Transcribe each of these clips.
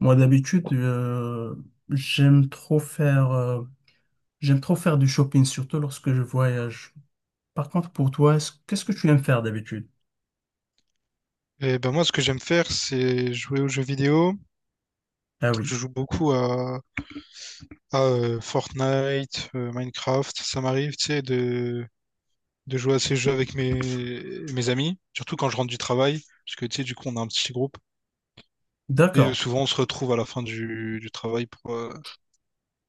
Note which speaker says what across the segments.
Speaker 1: Moi, d'habitude, j'aime trop faire, euh, j'aime trop faire du shopping, surtout lorsque je voyage. Par contre, pour toi, qu'est-ce que tu aimes faire d'habitude?
Speaker 2: Et ben moi, ce que j'aime faire, c'est jouer aux jeux vidéo.
Speaker 1: Ah oui,
Speaker 2: Je joue beaucoup à Fortnite, Minecraft. Ça m'arrive, tu sais, de jouer à ces jeux avec mes amis, surtout quand je rentre du travail, parce que, tu sais, du coup, on a un petit groupe.
Speaker 1: d'accord.
Speaker 2: Souvent, on se retrouve à la fin du travail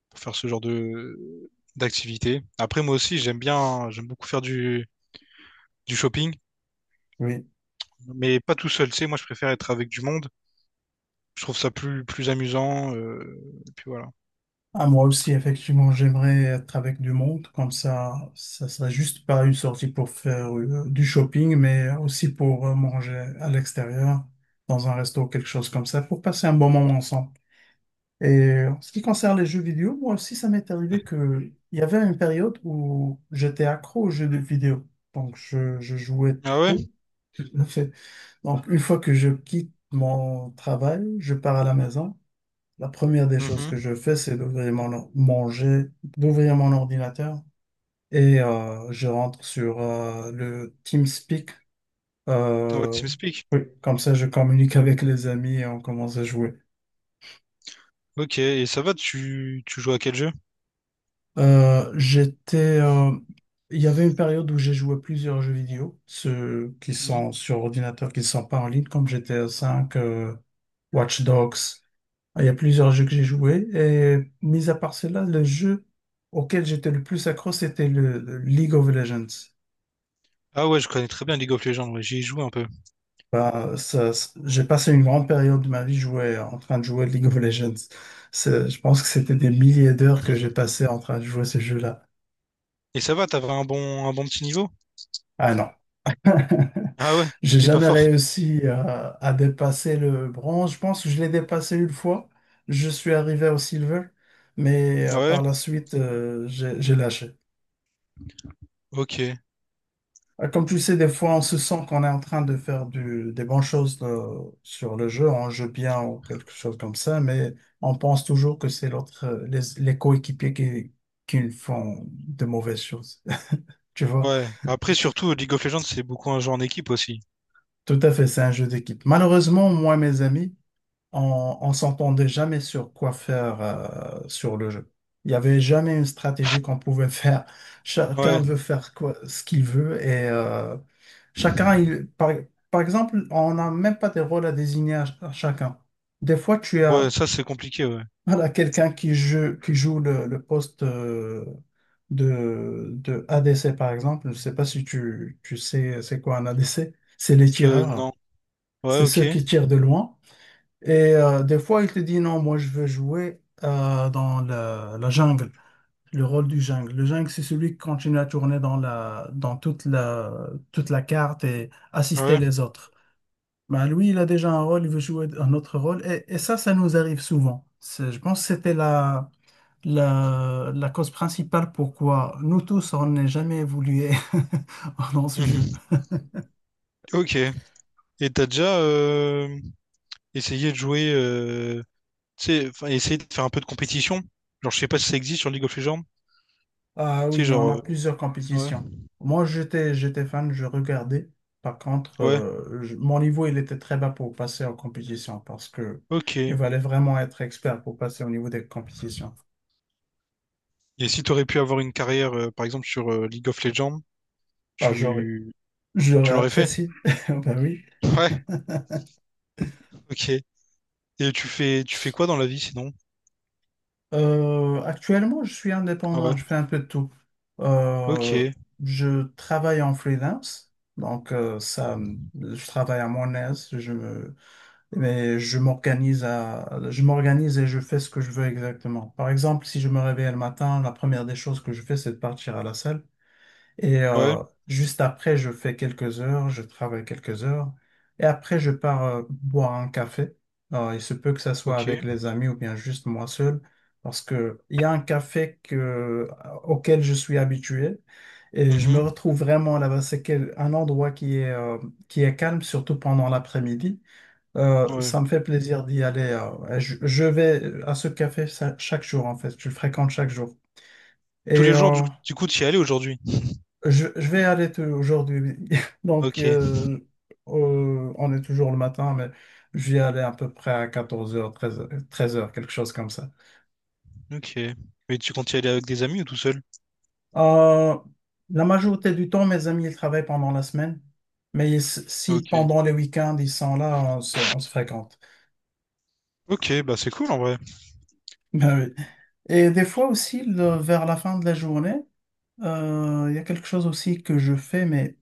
Speaker 2: pour faire ce genre de d'activité. Après, moi aussi, j'aime beaucoup faire du shopping,
Speaker 1: Oui.
Speaker 2: mais pas tout seul, tu sais. Moi, je préfère être avec du monde. Je trouve ça plus amusant. Et puis voilà.
Speaker 1: Ah, moi aussi, effectivement, j'aimerais être avec du monde, comme ça sera juste pas une sortie pour faire du shopping, mais aussi pour manger à l'extérieur, dans un resto, quelque chose comme ça, pour passer un bon moment ensemble. Et en ce qui concerne les jeux vidéo, moi aussi, ça m'est arrivé que il y avait une période où j'étais accro aux jeux de vidéo. Donc, je jouais
Speaker 2: Ah ouais?
Speaker 1: trop. En fait, donc, une fois que je quitte mon travail, je pars à la maison. La première des choses
Speaker 2: Mhm.
Speaker 1: que je fais, c'est d'ouvrir mon, or- mon jet- d'ouvrir mon ordinateur et je rentre sur le TeamSpeak.
Speaker 2: Ouais,
Speaker 1: Euh,
Speaker 2: TeamSpeak.
Speaker 1: oui, comme ça, je communique avec les amis et on commence à jouer.
Speaker 2: Ok, et ça va, tu joues à quel jeu?
Speaker 1: Euh, j'étais, euh, il y avait une période où j'ai joué plusieurs jeux vidéo, ceux qui
Speaker 2: Mhm.
Speaker 1: sont sur ordinateur, qui ne sont pas en ligne, comme GTA V, euh, Watch Dogs. Il y a plusieurs jeux que j'ai joués. Et mis à part cela, le jeu auquel j'étais le plus accro, c'était le League of Legends.
Speaker 2: Ah ouais, je connais très bien League of Legends, ouais, j'y ai joué un peu.
Speaker 1: Bah, j'ai passé une grande période de ma vie en train de jouer League of Legends. Je pense que c'était des milliers d'heures que j'ai
Speaker 2: Mhm.
Speaker 1: passé en train de jouer ce jeu-là.
Speaker 2: Et ça va, t'avais un un bon petit niveau?
Speaker 1: Ah non.
Speaker 2: Ah ouais,
Speaker 1: J'ai
Speaker 2: t'étais pas
Speaker 1: jamais
Speaker 2: fort.
Speaker 1: réussi à dépasser le bronze. Je pense que je l'ai dépassé une fois. Je suis arrivé au silver, mais
Speaker 2: Ah ouais,
Speaker 1: par la suite, j'ai lâché.
Speaker 2: ok,
Speaker 1: Comme tu sais, des
Speaker 2: ok.
Speaker 1: fois, on se sent qu'on est en train de faire des bonnes choses sur le jeu, on joue bien ou quelque chose comme ça, mais on pense toujours que c'est l'autre, les coéquipiers qui nous font de mauvaises choses. Tu vois,
Speaker 2: Ouais, après surtout League of Legends, c'est beaucoup un jeu en équipe aussi.
Speaker 1: tout à fait, c'est un jeu d'équipe. Malheureusement, moi, mes amis, on s'entendait jamais sur quoi faire sur le jeu. Il n'y avait jamais une stratégie qu'on pouvait faire. Chacun
Speaker 2: Ouais,
Speaker 1: veut faire quoi, ce qu'il veut et chacun, il, par, par exemple, on n'a même pas des rôles à désigner à chacun. Des fois, tu
Speaker 2: ouais,
Speaker 1: as
Speaker 2: ça c'est compliqué, ouais.
Speaker 1: voilà, quelqu'un qui joue le poste de ADC, par exemple. Je ne sais pas si tu sais c'est quoi un ADC. C'est les tireurs.
Speaker 2: Non. Ouais,
Speaker 1: C'est
Speaker 2: ok.
Speaker 1: ceux qui tirent de loin. Et des fois, il te dit non, moi je veux jouer dans la jungle, le rôle du jungle. Le jungle, c'est celui qui continue à tourner dans toute la carte et assister
Speaker 2: Ouais.
Speaker 1: les autres. Mais lui, il a déjà un rôle, il veut jouer un autre rôle. Et ça, ça nous arrive souvent. Je pense que c'était la cause principale pourquoi nous tous, on n'est jamais évolué dans ce jeu.
Speaker 2: Mhm. Ok. Et t'as essayer de tu sais, enfin, essayer de faire un peu de compétition. Genre, je sais pas si ça existe sur League of Legends.
Speaker 1: Ah
Speaker 2: Tu
Speaker 1: oui,
Speaker 2: sais,
Speaker 1: il y en a plusieurs
Speaker 2: ouais,
Speaker 1: compétitions. Moi, j'étais fan, je regardais. Par contre,
Speaker 2: ouais,
Speaker 1: mon niveau, il était très bas pour passer en compétition parce que
Speaker 2: ok.
Speaker 1: il fallait vraiment être expert pour passer au niveau des compétitions.
Speaker 2: Et si t'aurais pu avoir une par exemple, sur League of Legends,
Speaker 1: Bah,
Speaker 2: tu, tu
Speaker 1: j'aurais
Speaker 2: l'aurais fait?
Speaker 1: apprécié. Bah oui.
Speaker 2: Ouais, ok. Et tu fais quoi dans la vie sinon?
Speaker 1: Actuellement, je suis
Speaker 2: Ah
Speaker 1: indépendant,
Speaker 2: ouais,
Speaker 1: je fais un peu de tout. Euh,
Speaker 2: ok,
Speaker 1: je travaille en freelance, donc je travaille à mon aise. Mais je m'organise et je fais ce que je veux exactement. Par exemple, si je me réveille le matin, la première des choses que je fais, c'est de partir à la salle. Et
Speaker 2: ouais,
Speaker 1: juste après, je travaille quelques heures. Et après, je pars boire un café. Il se peut que ça soit
Speaker 2: ok,
Speaker 1: avec les amis ou bien juste moi seul, parce que il y a un café auquel je suis habitué. Et je me
Speaker 2: mhm,
Speaker 1: retrouve vraiment là-bas. C'est un endroit qui est calme, surtout pendant l'après-midi. Euh,
Speaker 2: ouais.
Speaker 1: ça me fait plaisir d'y aller. Je vais à ce café chaque jour, en fait. Je le fréquente chaque jour.
Speaker 2: Tous
Speaker 1: Et
Speaker 2: les jours, du coup, t'y allais aujourd'hui?
Speaker 1: je vais aller aujourd'hui. Donc,
Speaker 2: Ok,
Speaker 1: on est toujours le matin, mais je vais aller à peu près à 14 heures, 13 heures, 13 heures, quelque chose comme ça.
Speaker 2: ok. Mais tu comptes y aller avec des amis ou tout seul?
Speaker 1: Euh, la majorité du temps, mes amis, ils travaillent pendant la semaine. Mais si
Speaker 2: Ok.
Speaker 1: pendant les week-ends, ils sont là, on se fréquente.
Speaker 2: Ok, bah c'est cool en vrai.
Speaker 1: Ben oui. Et des fois aussi, vers la fin de la journée, il y a quelque chose aussi que je fais, mais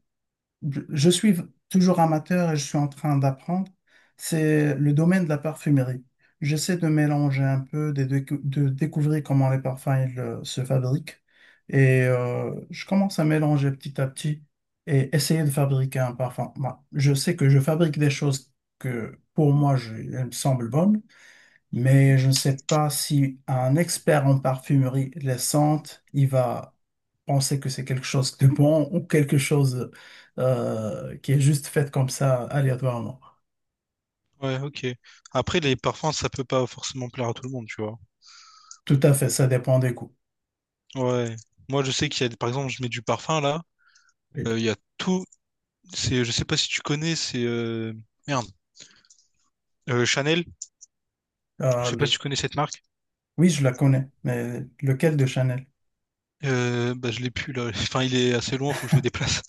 Speaker 1: je suis toujours amateur et je suis en train d'apprendre, c'est le domaine de la parfumerie. J'essaie de mélanger un peu, découvrir comment les parfums ils, se fabriquent. Et je commence à mélanger petit à petit et essayer de fabriquer un parfum. Moi, je sais que je fabrique des choses que pour moi, elles me semblent bonnes. Mais
Speaker 2: Mhm.
Speaker 1: je ne sais pas si un expert en parfumerie les sente, il va penser que c'est quelque chose de bon ou quelque chose qui est juste fait comme ça aléatoirement.
Speaker 2: Ouais, ok. Après, les parfums, ça peut pas forcément plaire à tout le monde, tu vois.
Speaker 1: Tout à fait, ça dépend des goûts.
Speaker 2: Ouais. Moi, je sais qu'il y a, des- par exemple, je mets du parfum là.
Speaker 1: Et,
Speaker 2: Il y a tout. C'est, je sais pas si tu connais, c'est merde, Chanel. Je
Speaker 1: euh,
Speaker 2: sais pas si
Speaker 1: le-
Speaker 2: tu connais cette marque.
Speaker 1: Oui, je la connais, mais lequel de Chanel?
Speaker 2: Bah, je l'ai plus là. Enfin, il est assez loin, faut que je me déplace.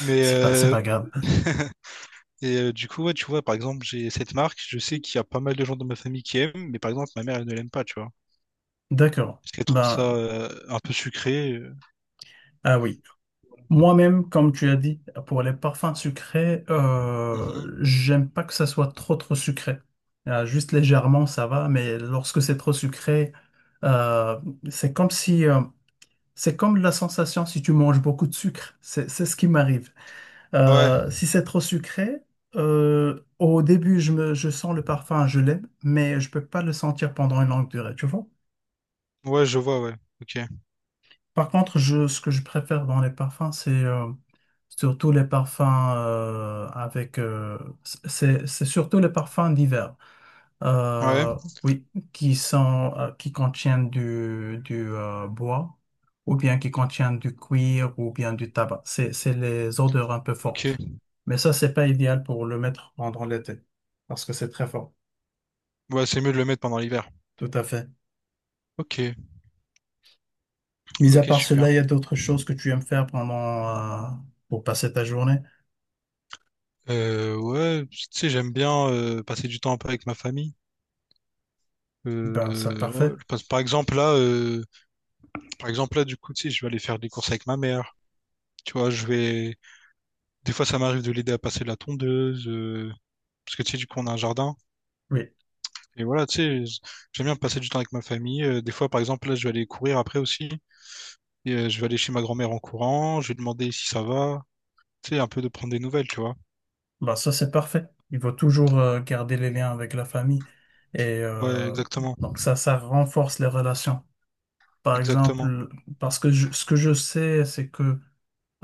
Speaker 2: Mais
Speaker 1: C'est pas grave.
Speaker 2: et du coup, ouais, tu vois, par exemple, j'ai cette marque. Je sais qu'il y a pas mal de gens dans ma famille qui aiment, mais par exemple, ma mère, elle ne l'aime pas, tu vois,
Speaker 1: D'accord.
Speaker 2: parce qu'elle trouve ça
Speaker 1: Ben,
Speaker 2: un peu sucré.
Speaker 1: ah oui. Moi-même, comme tu as dit, pour les parfums sucrés,
Speaker 2: Mhm.
Speaker 1: j'aime pas que ça soit trop trop sucré. Juste légèrement, ça va, mais lorsque c'est trop sucré, euh, c'est comme si, euh, c'est comme la sensation si tu manges beaucoup de sucre. C'est ce qui m'arrive.
Speaker 2: Ouais,
Speaker 1: Si c'est trop sucré, au début, je sens le parfum, je l'aime, mais je peux pas le sentir pendant une longue durée, tu vois?
Speaker 2: ouais, je vois, ouais. Ok.
Speaker 1: Par contre, ce que je préfère dans les parfums, c'est surtout les parfums avec... c'est surtout les parfums d'hiver.
Speaker 2: Ouais.
Speaker 1: Euh, oui, qui sont, qui contiennent du bois ou bien qui contiennent du cuir ou bien du tabac. C'est les odeurs un peu
Speaker 2: Ok.
Speaker 1: fortes. Mais ça, c'est pas idéal pour le mettre pendant l'été parce que c'est très fort.
Speaker 2: Ouais, c'est mieux de le mettre pendant l'hiver.
Speaker 1: Tout à fait.
Speaker 2: Ok,
Speaker 1: Mis à
Speaker 2: ok,
Speaker 1: part
Speaker 2: super.
Speaker 1: cela, il y a d'autres choses que tu aimes faire pendant, euh, pour passer ta journée?
Speaker 2: Ouais, tu sais, j'aime bien passer du temps un peu avec ma famille.
Speaker 1: Ben, c'est
Speaker 2: Ouais,
Speaker 1: parfait.
Speaker 2: parce- par exemple là, du coup, tu sais, je vais aller faire des courses avec ma mère. Tu vois, je vais. Des fois, ça m'arrive de l'aider à passer la parce que tu sais, du coup, on a un jardin.
Speaker 1: Oui,
Speaker 2: Et voilà, tu sais, j'aime bien passer du temps avec ma famille. Des fois, par exemple, là, je vais aller courir après aussi. Et, je vais aller chez ma grand-mère en courant. Je vais demander si ça va. Tu sais, un peu de prendre des nouvelles, tu vois.
Speaker 1: ben, ça, c'est parfait. Il faut toujours garder les liens avec la famille. Et
Speaker 2: Ouais,
Speaker 1: donc, ça renforce les relations. Par
Speaker 2: exactement.
Speaker 1: exemple, ce que je sais, c'est que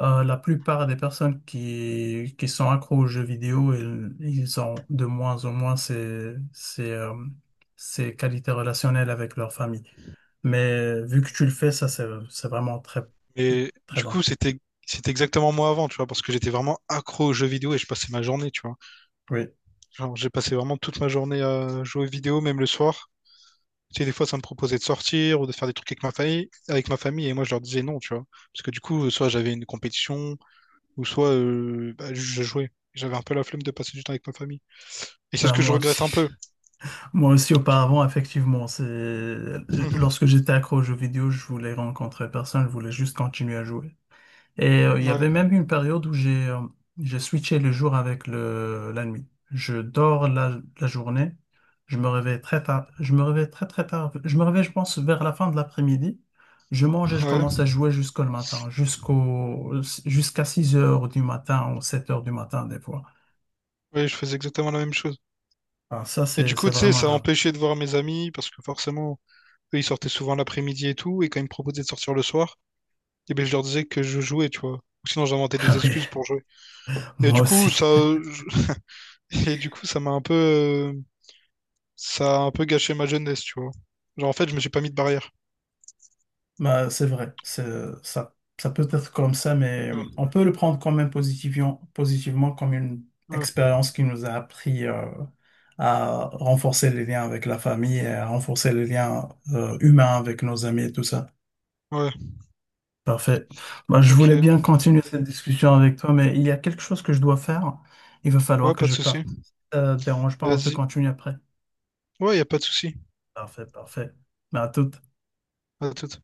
Speaker 1: la plupart des personnes qui sont accros aux jeux vidéo, ils ont de moins en moins ces qualités relationnelles avec leur famille. Mais vu que tu le fais, ça, c'est vraiment très,
Speaker 2: Et
Speaker 1: très
Speaker 2: du
Speaker 1: bon.
Speaker 2: coup, c'était exactement moi avant, tu vois, parce que j'étais vraiment accro aux jeux vidéo et je passais ma journée, tu vois.
Speaker 1: Oui.
Speaker 2: Genre, j'ai passé vraiment toute ma journée à jouer vidéo, même le soir. Tu sais, des fois, ça me proposait de sortir ou de faire des trucs avec ma famille, et moi, je leur disais non, tu vois. Parce que du coup, soit j'avais une compétition, ou soit bah, je jouais. J'avais un peu la flemme de passer du temps avec ma famille. Et c'est ce
Speaker 1: Ben,
Speaker 2: que je
Speaker 1: moi
Speaker 2: regrette
Speaker 1: aussi.
Speaker 2: un peu,
Speaker 1: Moi aussi,
Speaker 2: tu vois.
Speaker 1: auparavant, effectivement, c'est lorsque j'étais accro aux jeux vidéo, je voulais rencontrer personne, je voulais juste continuer à jouer. Et il y
Speaker 2: Ouais,
Speaker 1: avait même une période où j'ai switché le jour avec le la nuit. Je dors la journée, je me réveille très tard, je me réveille très très tard, je me réveille, je pense, vers la fin de l'après-midi. Je mange et je commence
Speaker 2: ouais,
Speaker 1: à jouer jusqu'au matin, jusqu'à 6 heures du matin ou 7 heures du matin des fois.
Speaker 2: ouais, je faisais exactement la même chose.
Speaker 1: Alors ça,
Speaker 2: Et du coup,
Speaker 1: c'est
Speaker 2: tu sais,
Speaker 1: vraiment
Speaker 2: ça
Speaker 1: grave.
Speaker 2: empêchait de voir mes amis, parce que forcément, eux, ils sortaient souvent l'après-midi et tout, et quand ils me proposaient de sortir le soir, eh ben, je leur disais que je jouais, tu vois. Ou sinon, j'inventais des
Speaker 1: Ah oui,
Speaker 2: excuses pour jouer. Et
Speaker 1: moi
Speaker 2: du coup,
Speaker 1: aussi.
Speaker 2: et du coup, ça m'a un ça a un peu gâché ma jeunesse, tu vois. Genre, en fait, je me suis pas mis de barrière.
Speaker 1: Bah, c'est vrai, ça, ça peut être comme ça, mais
Speaker 2: Ouais,
Speaker 1: on peut le prendre quand même positivement, positivement comme une
Speaker 2: ouais,
Speaker 1: expérience qui nous a appris à renforcer les liens avec la famille et à renforcer les liens humains avec nos amis et tout ça.
Speaker 2: ouais,
Speaker 1: Parfait. Bah, je voulais
Speaker 2: ok.
Speaker 1: bien continuer cette discussion avec toi, mais il y a quelque chose que je dois faire. Il va falloir
Speaker 2: Ouais,
Speaker 1: que
Speaker 2: pas de
Speaker 1: je
Speaker 2: souci.
Speaker 1: parte. Ça te dérange pas, on peut
Speaker 2: Vas-y.
Speaker 1: continuer après.
Speaker 2: Ouais, y a pas de souci.
Speaker 1: Parfait, parfait. Bah, à toute.
Speaker 2: À tout